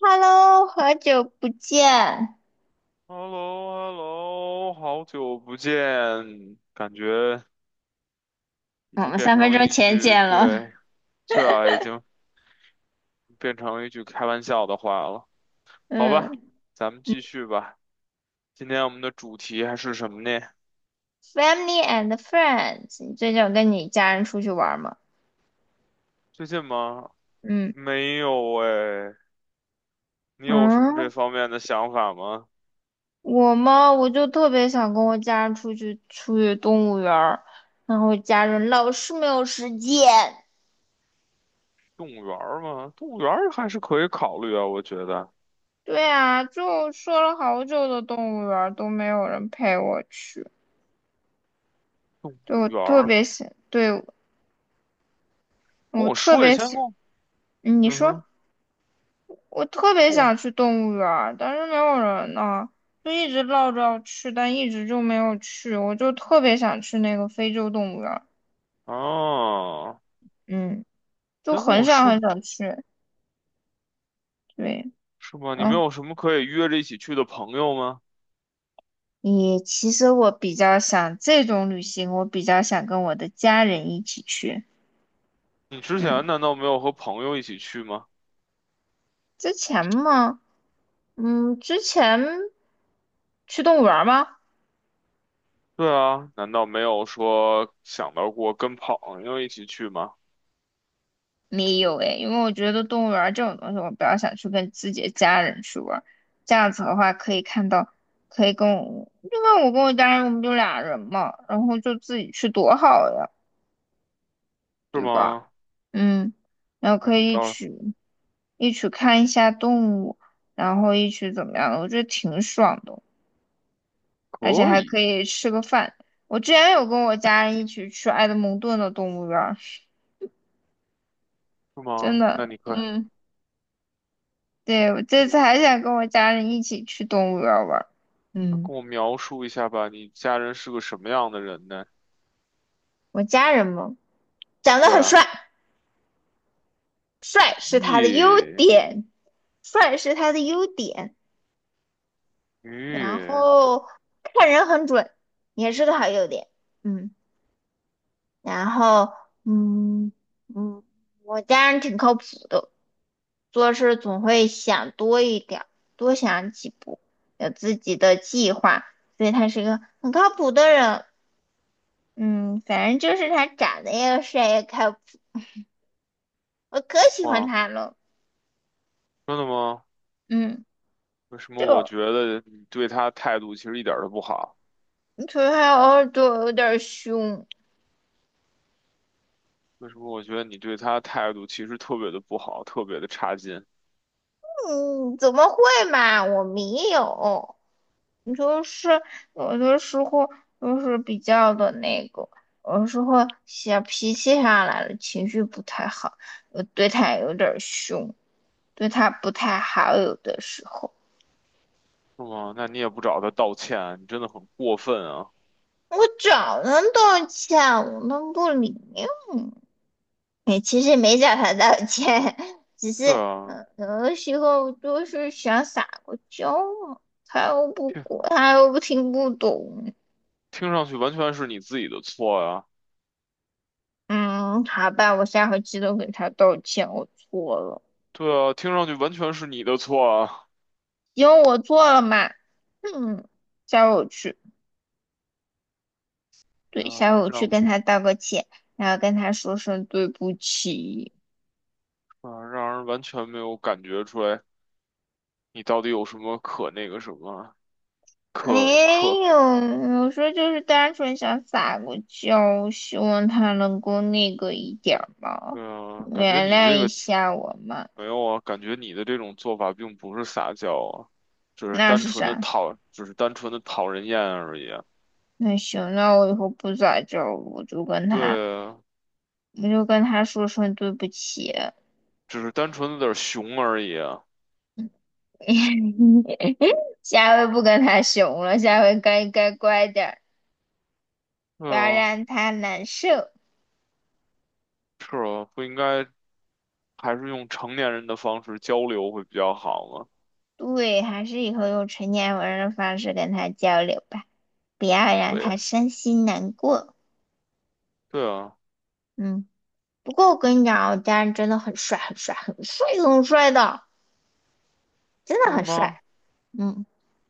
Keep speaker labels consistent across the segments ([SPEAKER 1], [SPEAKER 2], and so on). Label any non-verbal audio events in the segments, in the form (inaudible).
[SPEAKER 1] Hello，好久不见。
[SPEAKER 2] h e l l o h e l l o 好久不见，感觉已
[SPEAKER 1] 我
[SPEAKER 2] 经
[SPEAKER 1] 们
[SPEAKER 2] 变
[SPEAKER 1] 三分
[SPEAKER 2] 成
[SPEAKER 1] 钟
[SPEAKER 2] 一
[SPEAKER 1] 前
[SPEAKER 2] 句，
[SPEAKER 1] 见了，
[SPEAKER 2] 对，对啊，已经变成一句开玩笑的话了。好吧，
[SPEAKER 1] 嗯
[SPEAKER 2] 咱们继续吧。今天我们的主题还是什么呢？
[SPEAKER 1] ，Family and Friends，你最近有跟你家人出去玩吗？
[SPEAKER 2] 最近吗？
[SPEAKER 1] 嗯，
[SPEAKER 2] 没有哎，你有什么这
[SPEAKER 1] 嗯，
[SPEAKER 2] 方面的想法吗？
[SPEAKER 1] 我嘛，我就特别想跟我家人出去动物园儿，然后家人老是没有时间。
[SPEAKER 2] 动物园儿吗？动物园儿还是可以考虑啊，我觉得。
[SPEAKER 1] 对啊，就说了好久的动物园儿都没有人陪我去。
[SPEAKER 2] 动
[SPEAKER 1] 对，
[SPEAKER 2] 物
[SPEAKER 1] 我
[SPEAKER 2] 园
[SPEAKER 1] 特
[SPEAKER 2] 儿，
[SPEAKER 1] 别想，对，
[SPEAKER 2] 跟
[SPEAKER 1] 我
[SPEAKER 2] 我
[SPEAKER 1] 特
[SPEAKER 2] 说一
[SPEAKER 1] 别
[SPEAKER 2] 下，先跟
[SPEAKER 1] 想，
[SPEAKER 2] 我，
[SPEAKER 1] 嗯你
[SPEAKER 2] 嗯
[SPEAKER 1] 说。
[SPEAKER 2] 哼，
[SPEAKER 1] 我特别
[SPEAKER 2] 跟我，
[SPEAKER 1] 想去动物园儿，但是没有人呢，就一直闹着要去，但一直就没有去。我就特别想去那个非洲动物园儿，
[SPEAKER 2] 哦，
[SPEAKER 1] 嗯，就
[SPEAKER 2] 先跟
[SPEAKER 1] 很
[SPEAKER 2] 我
[SPEAKER 1] 想很
[SPEAKER 2] 说。
[SPEAKER 1] 想去。对，
[SPEAKER 2] 是吗？你没
[SPEAKER 1] 嗯，
[SPEAKER 2] 有什么可以约着一起去的朋友吗？
[SPEAKER 1] 也其实我比较想这种旅行，我比较想跟我的家人一起去。
[SPEAKER 2] 你之前
[SPEAKER 1] 嗯，
[SPEAKER 2] 难道没有和朋友一起去吗？
[SPEAKER 1] 之前嘛，嗯，之前去动物园儿吗？
[SPEAKER 2] 对啊，难道没有说想到过跟朋友一起去吗？
[SPEAKER 1] 没有诶，因为我觉得动物园儿这种东西，我比较想去跟自己的家人去玩儿，这样子的话，可以看到，可以跟我，因为我跟我家人，我们就俩人嘛，然后就自己去多好呀，
[SPEAKER 2] 是
[SPEAKER 1] 对吧？
[SPEAKER 2] 吗？
[SPEAKER 1] 嗯，然后
[SPEAKER 2] 那
[SPEAKER 1] 可
[SPEAKER 2] 你
[SPEAKER 1] 以一
[SPEAKER 2] 倒是
[SPEAKER 1] 起一起看一下动物，然后一起怎么样的，我觉得挺爽的，而且
[SPEAKER 2] 可
[SPEAKER 1] 还可
[SPEAKER 2] 以，
[SPEAKER 1] 以吃个饭。我之前有跟我家人一起去埃德蒙顿的动物园儿，
[SPEAKER 2] 是
[SPEAKER 1] 真
[SPEAKER 2] 吗？那
[SPEAKER 1] 的，
[SPEAKER 2] 你可以
[SPEAKER 1] 嗯。对，我
[SPEAKER 2] 跟
[SPEAKER 1] 这次
[SPEAKER 2] 我
[SPEAKER 1] 还想跟我家人一起去动物园儿玩儿。
[SPEAKER 2] 那
[SPEAKER 1] 嗯，
[SPEAKER 2] 跟我描述一下吧，你家人是个什么样的人呢？
[SPEAKER 1] 我家人嘛，长得
[SPEAKER 2] 对
[SPEAKER 1] 很
[SPEAKER 2] 啊，
[SPEAKER 1] 帅，帅是他的优
[SPEAKER 2] 咦，
[SPEAKER 1] 点，帅是他的优点。然
[SPEAKER 2] 咦，
[SPEAKER 1] 后看人很准，也是个好优点。嗯，然后嗯嗯，我家人挺靠谱的，做事总会想多一点儿，多想几步，有自己的计划，所以他是一个很靠谱的人。嗯，反正就是他长得又帅又靠谱，我可喜欢
[SPEAKER 2] 哇，
[SPEAKER 1] 他了。
[SPEAKER 2] 真的吗？
[SPEAKER 1] 嗯，
[SPEAKER 2] 为什么我
[SPEAKER 1] 就
[SPEAKER 2] 觉得你对他态度其实一点儿都不好？
[SPEAKER 1] 可是他偶尔对我有点儿凶。
[SPEAKER 2] 为什么我觉得你对他态度其实特别的不好，特别的差劲？
[SPEAKER 1] 嗯，怎么会嘛？我没有，你就是有的时候就是比较的那个，有的时候小脾气上来了，情绪不太好，我对他有点儿凶，对他不太好，有的时候。
[SPEAKER 2] 是吗？那你也不找他道歉，你真的很过分啊！
[SPEAKER 1] 我早能道歉，我能不理？(laughs) 也其实没找他道歉，(laughs) 只是
[SPEAKER 2] 对啊，
[SPEAKER 1] 嗯，有的时候就是想撒个娇嘛，他又不
[SPEAKER 2] 听
[SPEAKER 1] 管，他又不听不懂。
[SPEAKER 2] 听上去完全是你自己的错啊！
[SPEAKER 1] 嗯，好吧，我下回记得给他道歉，我错了，
[SPEAKER 2] 对啊，听上去完全是你的错啊！
[SPEAKER 1] 因为我错了嘛。嗯，下回我去，
[SPEAKER 2] 对
[SPEAKER 1] 对，
[SPEAKER 2] 啊，
[SPEAKER 1] 下回我去
[SPEAKER 2] 让
[SPEAKER 1] 跟他道个歉，然后跟他说声对不起。
[SPEAKER 2] 让人完全没有感觉出来你到底有什么可那个什么可可，
[SPEAKER 1] 没有，有时候就是单纯想撒个娇，希望他能够那个一点儿嘛，
[SPEAKER 2] 对啊，感觉
[SPEAKER 1] 原
[SPEAKER 2] 你
[SPEAKER 1] 谅
[SPEAKER 2] 这
[SPEAKER 1] 一
[SPEAKER 2] 个
[SPEAKER 1] 下我嘛。
[SPEAKER 2] 没有啊，感觉你的这种做法并不是撒娇啊，只是
[SPEAKER 1] 那
[SPEAKER 2] 单
[SPEAKER 1] 是
[SPEAKER 2] 纯的
[SPEAKER 1] 啥？
[SPEAKER 2] 讨，只是单纯的讨人厌而已啊
[SPEAKER 1] 那行，那我以后不撒娇了我就跟他，
[SPEAKER 2] 对啊，
[SPEAKER 1] 我就跟他说声对不起，
[SPEAKER 2] 只是单纯的有点儿熊而已啊。
[SPEAKER 1] (laughs) 下回不跟他熊了，下回该乖点儿，
[SPEAKER 2] 对
[SPEAKER 1] 不要
[SPEAKER 2] 啊。
[SPEAKER 1] 让他难受。
[SPEAKER 2] 是啊，不应该还是用成年人的方式交流会比较好吗？
[SPEAKER 1] 对，还是以后用成年人的方式跟他交流吧，不要让
[SPEAKER 2] 对，
[SPEAKER 1] 他伤心难过。
[SPEAKER 2] 对啊，
[SPEAKER 1] 嗯。不过我跟你讲啊，我家人真的很帅，很帅，很帅，很帅的，真的
[SPEAKER 2] 是
[SPEAKER 1] 很
[SPEAKER 2] 吗？
[SPEAKER 1] 帅。嗯，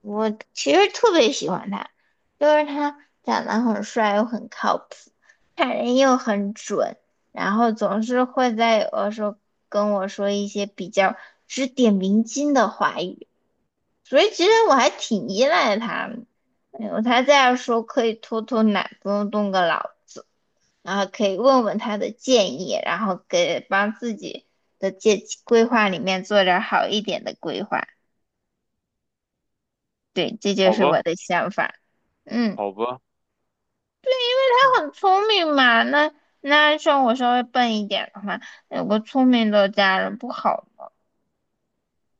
[SPEAKER 1] 我其实特别喜欢他，就是他长得很帅又很靠谱，看人又很准，然后总是会在有的时候跟我说一些比较指点迷津的话语，所以其实我还挺依赖他的，哎我才这样说可以偷懒，不用动个脑子。然后可以问问他的建议，然后给帮自己的规划里面做点儿好一点的规划。对，这就
[SPEAKER 2] 好
[SPEAKER 1] 是我
[SPEAKER 2] 吧，
[SPEAKER 1] 的想法。嗯，
[SPEAKER 2] 好吧，嗯
[SPEAKER 1] 他很聪明嘛，那像我稍微笨一点的话，有个聪明的家人不好。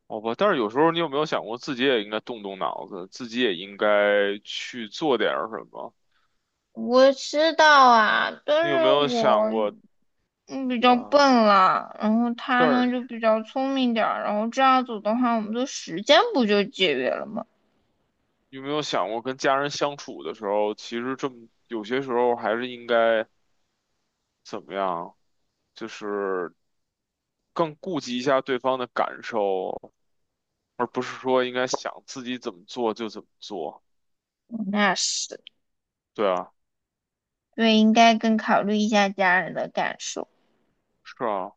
[SPEAKER 2] 好吧。但是有时候你有没有想过，自己也应该动动脑子，自己也应该去做点儿什么？
[SPEAKER 1] 我知道啊，但
[SPEAKER 2] 你有
[SPEAKER 1] 是
[SPEAKER 2] 没有
[SPEAKER 1] 我
[SPEAKER 2] 想过
[SPEAKER 1] 嗯比较笨
[SPEAKER 2] 啊？
[SPEAKER 1] 了，然后他
[SPEAKER 2] 但
[SPEAKER 1] 呢
[SPEAKER 2] 是
[SPEAKER 1] 就比较聪明点儿，然后这样子的话，我们的时间不就节约了吗？
[SPEAKER 2] 有没有想过，跟家人相处的时候，其实这么有些时候还是应该怎么样？就是更顾及一下对方的感受，而不是说应该想自己怎么做就怎么做。
[SPEAKER 1] 那是。
[SPEAKER 2] 对啊，
[SPEAKER 1] 对，应该更考虑一下家人的感受。
[SPEAKER 2] 是啊，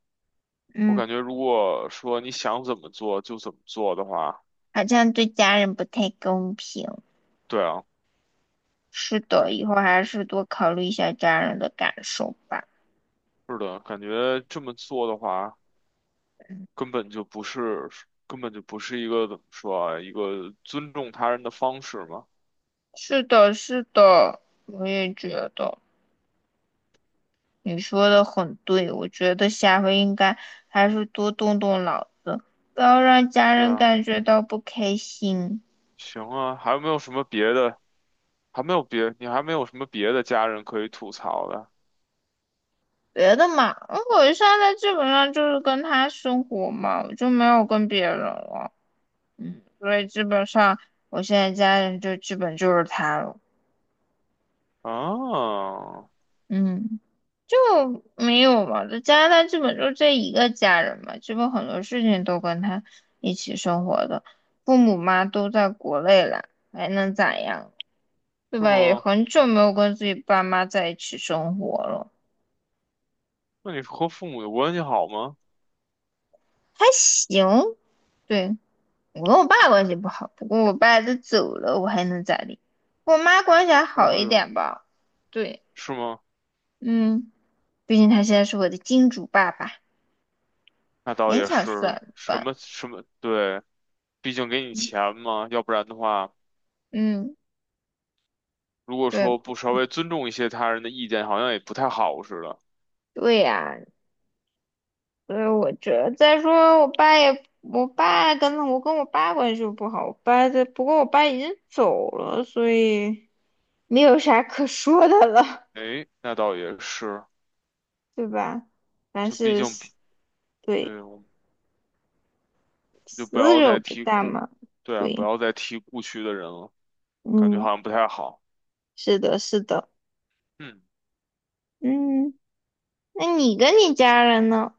[SPEAKER 2] 我
[SPEAKER 1] 嗯，
[SPEAKER 2] 感觉如果说你想怎么做就怎么做的话，
[SPEAKER 1] 好像对家人不太公平。
[SPEAKER 2] 对啊，
[SPEAKER 1] 是的，以
[SPEAKER 2] 感
[SPEAKER 1] 后还是多考虑一下家人的感受吧。
[SPEAKER 2] 是的，感觉这么做的话，根本就不是，根本就不是一个怎么说啊，一个尊重他人的方式嘛。
[SPEAKER 1] 是的，是的，我也觉得你说的很对。我觉得下回应该还是多动动脑子，不要让家
[SPEAKER 2] 对
[SPEAKER 1] 人
[SPEAKER 2] 啊，
[SPEAKER 1] 感觉到不开心。
[SPEAKER 2] 行啊，还有没有什么别的？还没有别，你还没有什么别的家人可以吐槽的
[SPEAKER 1] 别的嘛，我现在基本上就是跟他生活嘛，我就没有跟别人了。嗯，所以基本上我现在家人就基本就是他了，
[SPEAKER 2] 啊？
[SPEAKER 1] 嗯，就没有嘛，在加拿大基本就这一个家人嘛，基本很多事情都跟他一起生活的，父母嘛都在国内了，还能咋样，对
[SPEAKER 2] 是
[SPEAKER 1] 吧？也
[SPEAKER 2] 吗？
[SPEAKER 1] 很久没有跟自己爸妈在一起生活了，
[SPEAKER 2] 那你和父母的关系好吗？
[SPEAKER 1] 还行，对，我跟我爸关系不好，不过我爸都走了，我还能咋地？我妈关系还
[SPEAKER 2] 哎
[SPEAKER 1] 好一
[SPEAKER 2] 呦，
[SPEAKER 1] 点吧，对，
[SPEAKER 2] 是吗？
[SPEAKER 1] 嗯。毕竟他现在是我的金主爸爸，
[SPEAKER 2] 那倒
[SPEAKER 1] 勉
[SPEAKER 2] 也
[SPEAKER 1] 强
[SPEAKER 2] 是，
[SPEAKER 1] 算
[SPEAKER 2] 什
[SPEAKER 1] 吧。
[SPEAKER 2] 么什么，对，毕竟给你钱嘛，要不然的话，
[SPEAKER 1] 嗯，
[SPEAKER 2] 如果说
[SPEAKER 1] 对，
[SPEAKER 2] 不稍微尊重一些他人的意见，好像也不太好似的。
[SPEAKER 1] 对呀、所以我觉得再说我跟我爸关系又不好，我爸这不过我爸已经走了，所以没有啥可说的了，
[SPEAKER 2] 诶，那倒也是，
[SPEAKER 1] (laughs) 对吧？凡
[SPEAKER 2] 就毕
[SPEAKER 1] 是
[SPEAKER 2] 竟不
[SPEAKER 1] 死对
[SPEAKER 2] 对，我们就
[SPEAKER 1] 死
[SPEAKER 2] 不要
[SPEAKER 1] 者
[SPEAKER 2] 再
[SPEAKER 1] 为
[SPEAKER 2] 提
[SPEAKER 1] 大
[SPEAKER 2] 故，
[SPEAKER 1] 嘛，
[SPEAKER 2] 对啊，不
[SPEAKER 1] 对，
[SPEAKER 2] 要再提故去的人了，感觉
[SPEAKER 1] 嗯，
[SPEAKER 2] 好像不太好。
[SPEAKER 1] 是的，是的，
[SPEAKER 2] 嗯，
[SPEAKER 1] 嗯，那你跟你家人呢？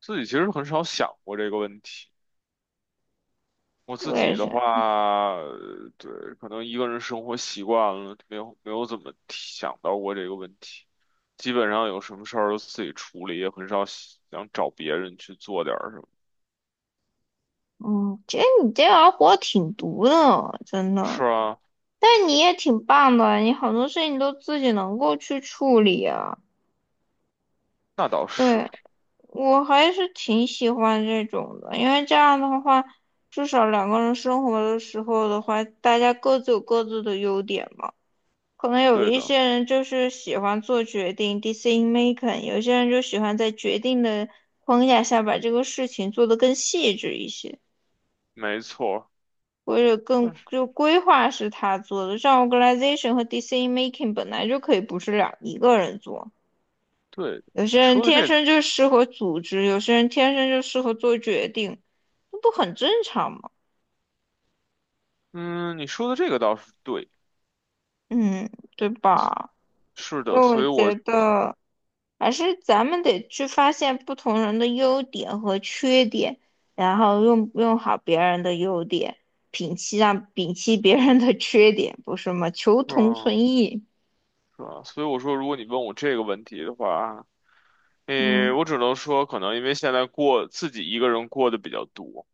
[SPEAKER 2] 自己其实很少想过这个问题。我自
[SPEAKER 1] 为
[SPEAKER 2] 己的
[SPEAKER 1] 啥？
[SPEAKER 2] 话，对，可能一个人生活习惯了，没有怎么想到过这个问题。基本上有什么事儿都自己处理，也很少想找别人去做点儿什么。
[SPEAKER 1] 嗯，其实你这样活挺毒的，真的。
[SPEAKER 2] 是啊，
[SPEAKER 1] 但你也挺棒的，你好多事情都自己能够去处理啊。
[SPEAKER 2] 那倒是，
[SPEAKER 1] 对，我还是挺喜欢这种的，因为这样的话，至少两个人生活的时候的话，大家各自有各自的优点嘛。可能有
[SPEAKER 2] 对
[SPEAKER 1] 一
[SPEAKER 2] 的，
[SPEAKER 1] 些人就是喜欢做决定（ （decision making），有些人就喜欢在决定的框架下把这个事情做得更细致一些。
[SPEAKER 2] 没错，
[SPEAKER 1] 或者更
[SPEAKER 2] 那是
[SPEAKER 1] 就规划是他做的，像 organization 和 decision making 本来就可以不是一个人做，
[SPEAKER 2] 对的，
[SPEAKER 1] 有些人
[SPEAKER 2] 说的
[SPEAKER 1] 天
[SPEAKER 2] 这，
[SPEAKER 1] 生就适合组织，有些人天生就适合做决定，那不很正常吗？
[SPEAKER 2] 嗯，你说的这个倒是对，
[SPEAKER 1] 嗯，对吧？
[SPEAKER 2] 是
[SPEAKER 1] 所以
[SPEAKER 2] 的，
[SPEAKER 1] 我
[SPEAKER 2] 所以我，
[SPEAKER 1] 觉
[SPEAKER 2] 是
[SPEAKER 1] 得还是咱们得去发现不同人的优点和缺点，然后用好别人的优点，摒弃别人的 (laughs) 缺点，不是吗？求同
[SPEAKER 2] 啊，
[SPEAKER 1] 存异。
[SPEAKER 2] 是啊，所以我说，如果你问我这个问题的话，诶，
[SPEAKER 1] 嗯。
[SPEAKER 2] 我只能说，可能因为现在过自己一个人过的比较多。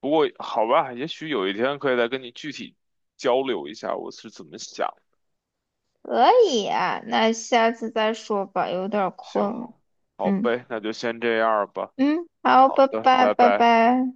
[SPEAKER 2] 不过好吧，也许有一天可以再跟你具体交流一下我是怎么想。
[SPEAKER 1] 可以啊，那下次再说吧，有点儿困了。
[SPEAKER 2] 行，好
[SPEAKER 1] 嗯
[SPEAKER 2] 呗，那就先这样吧。
[SPEAKER 1] 嗯，好，
[SPEAKER 2] 好
[SPEAKER 1] 拜
[SPEAKER 2] 的，
[SPEAKER 1] 拜
[SPEAKER 2] 拜
[SPEAKER 1] 拜
[SPEAKER 2] 拜。
[SPEAKER 1] 拜。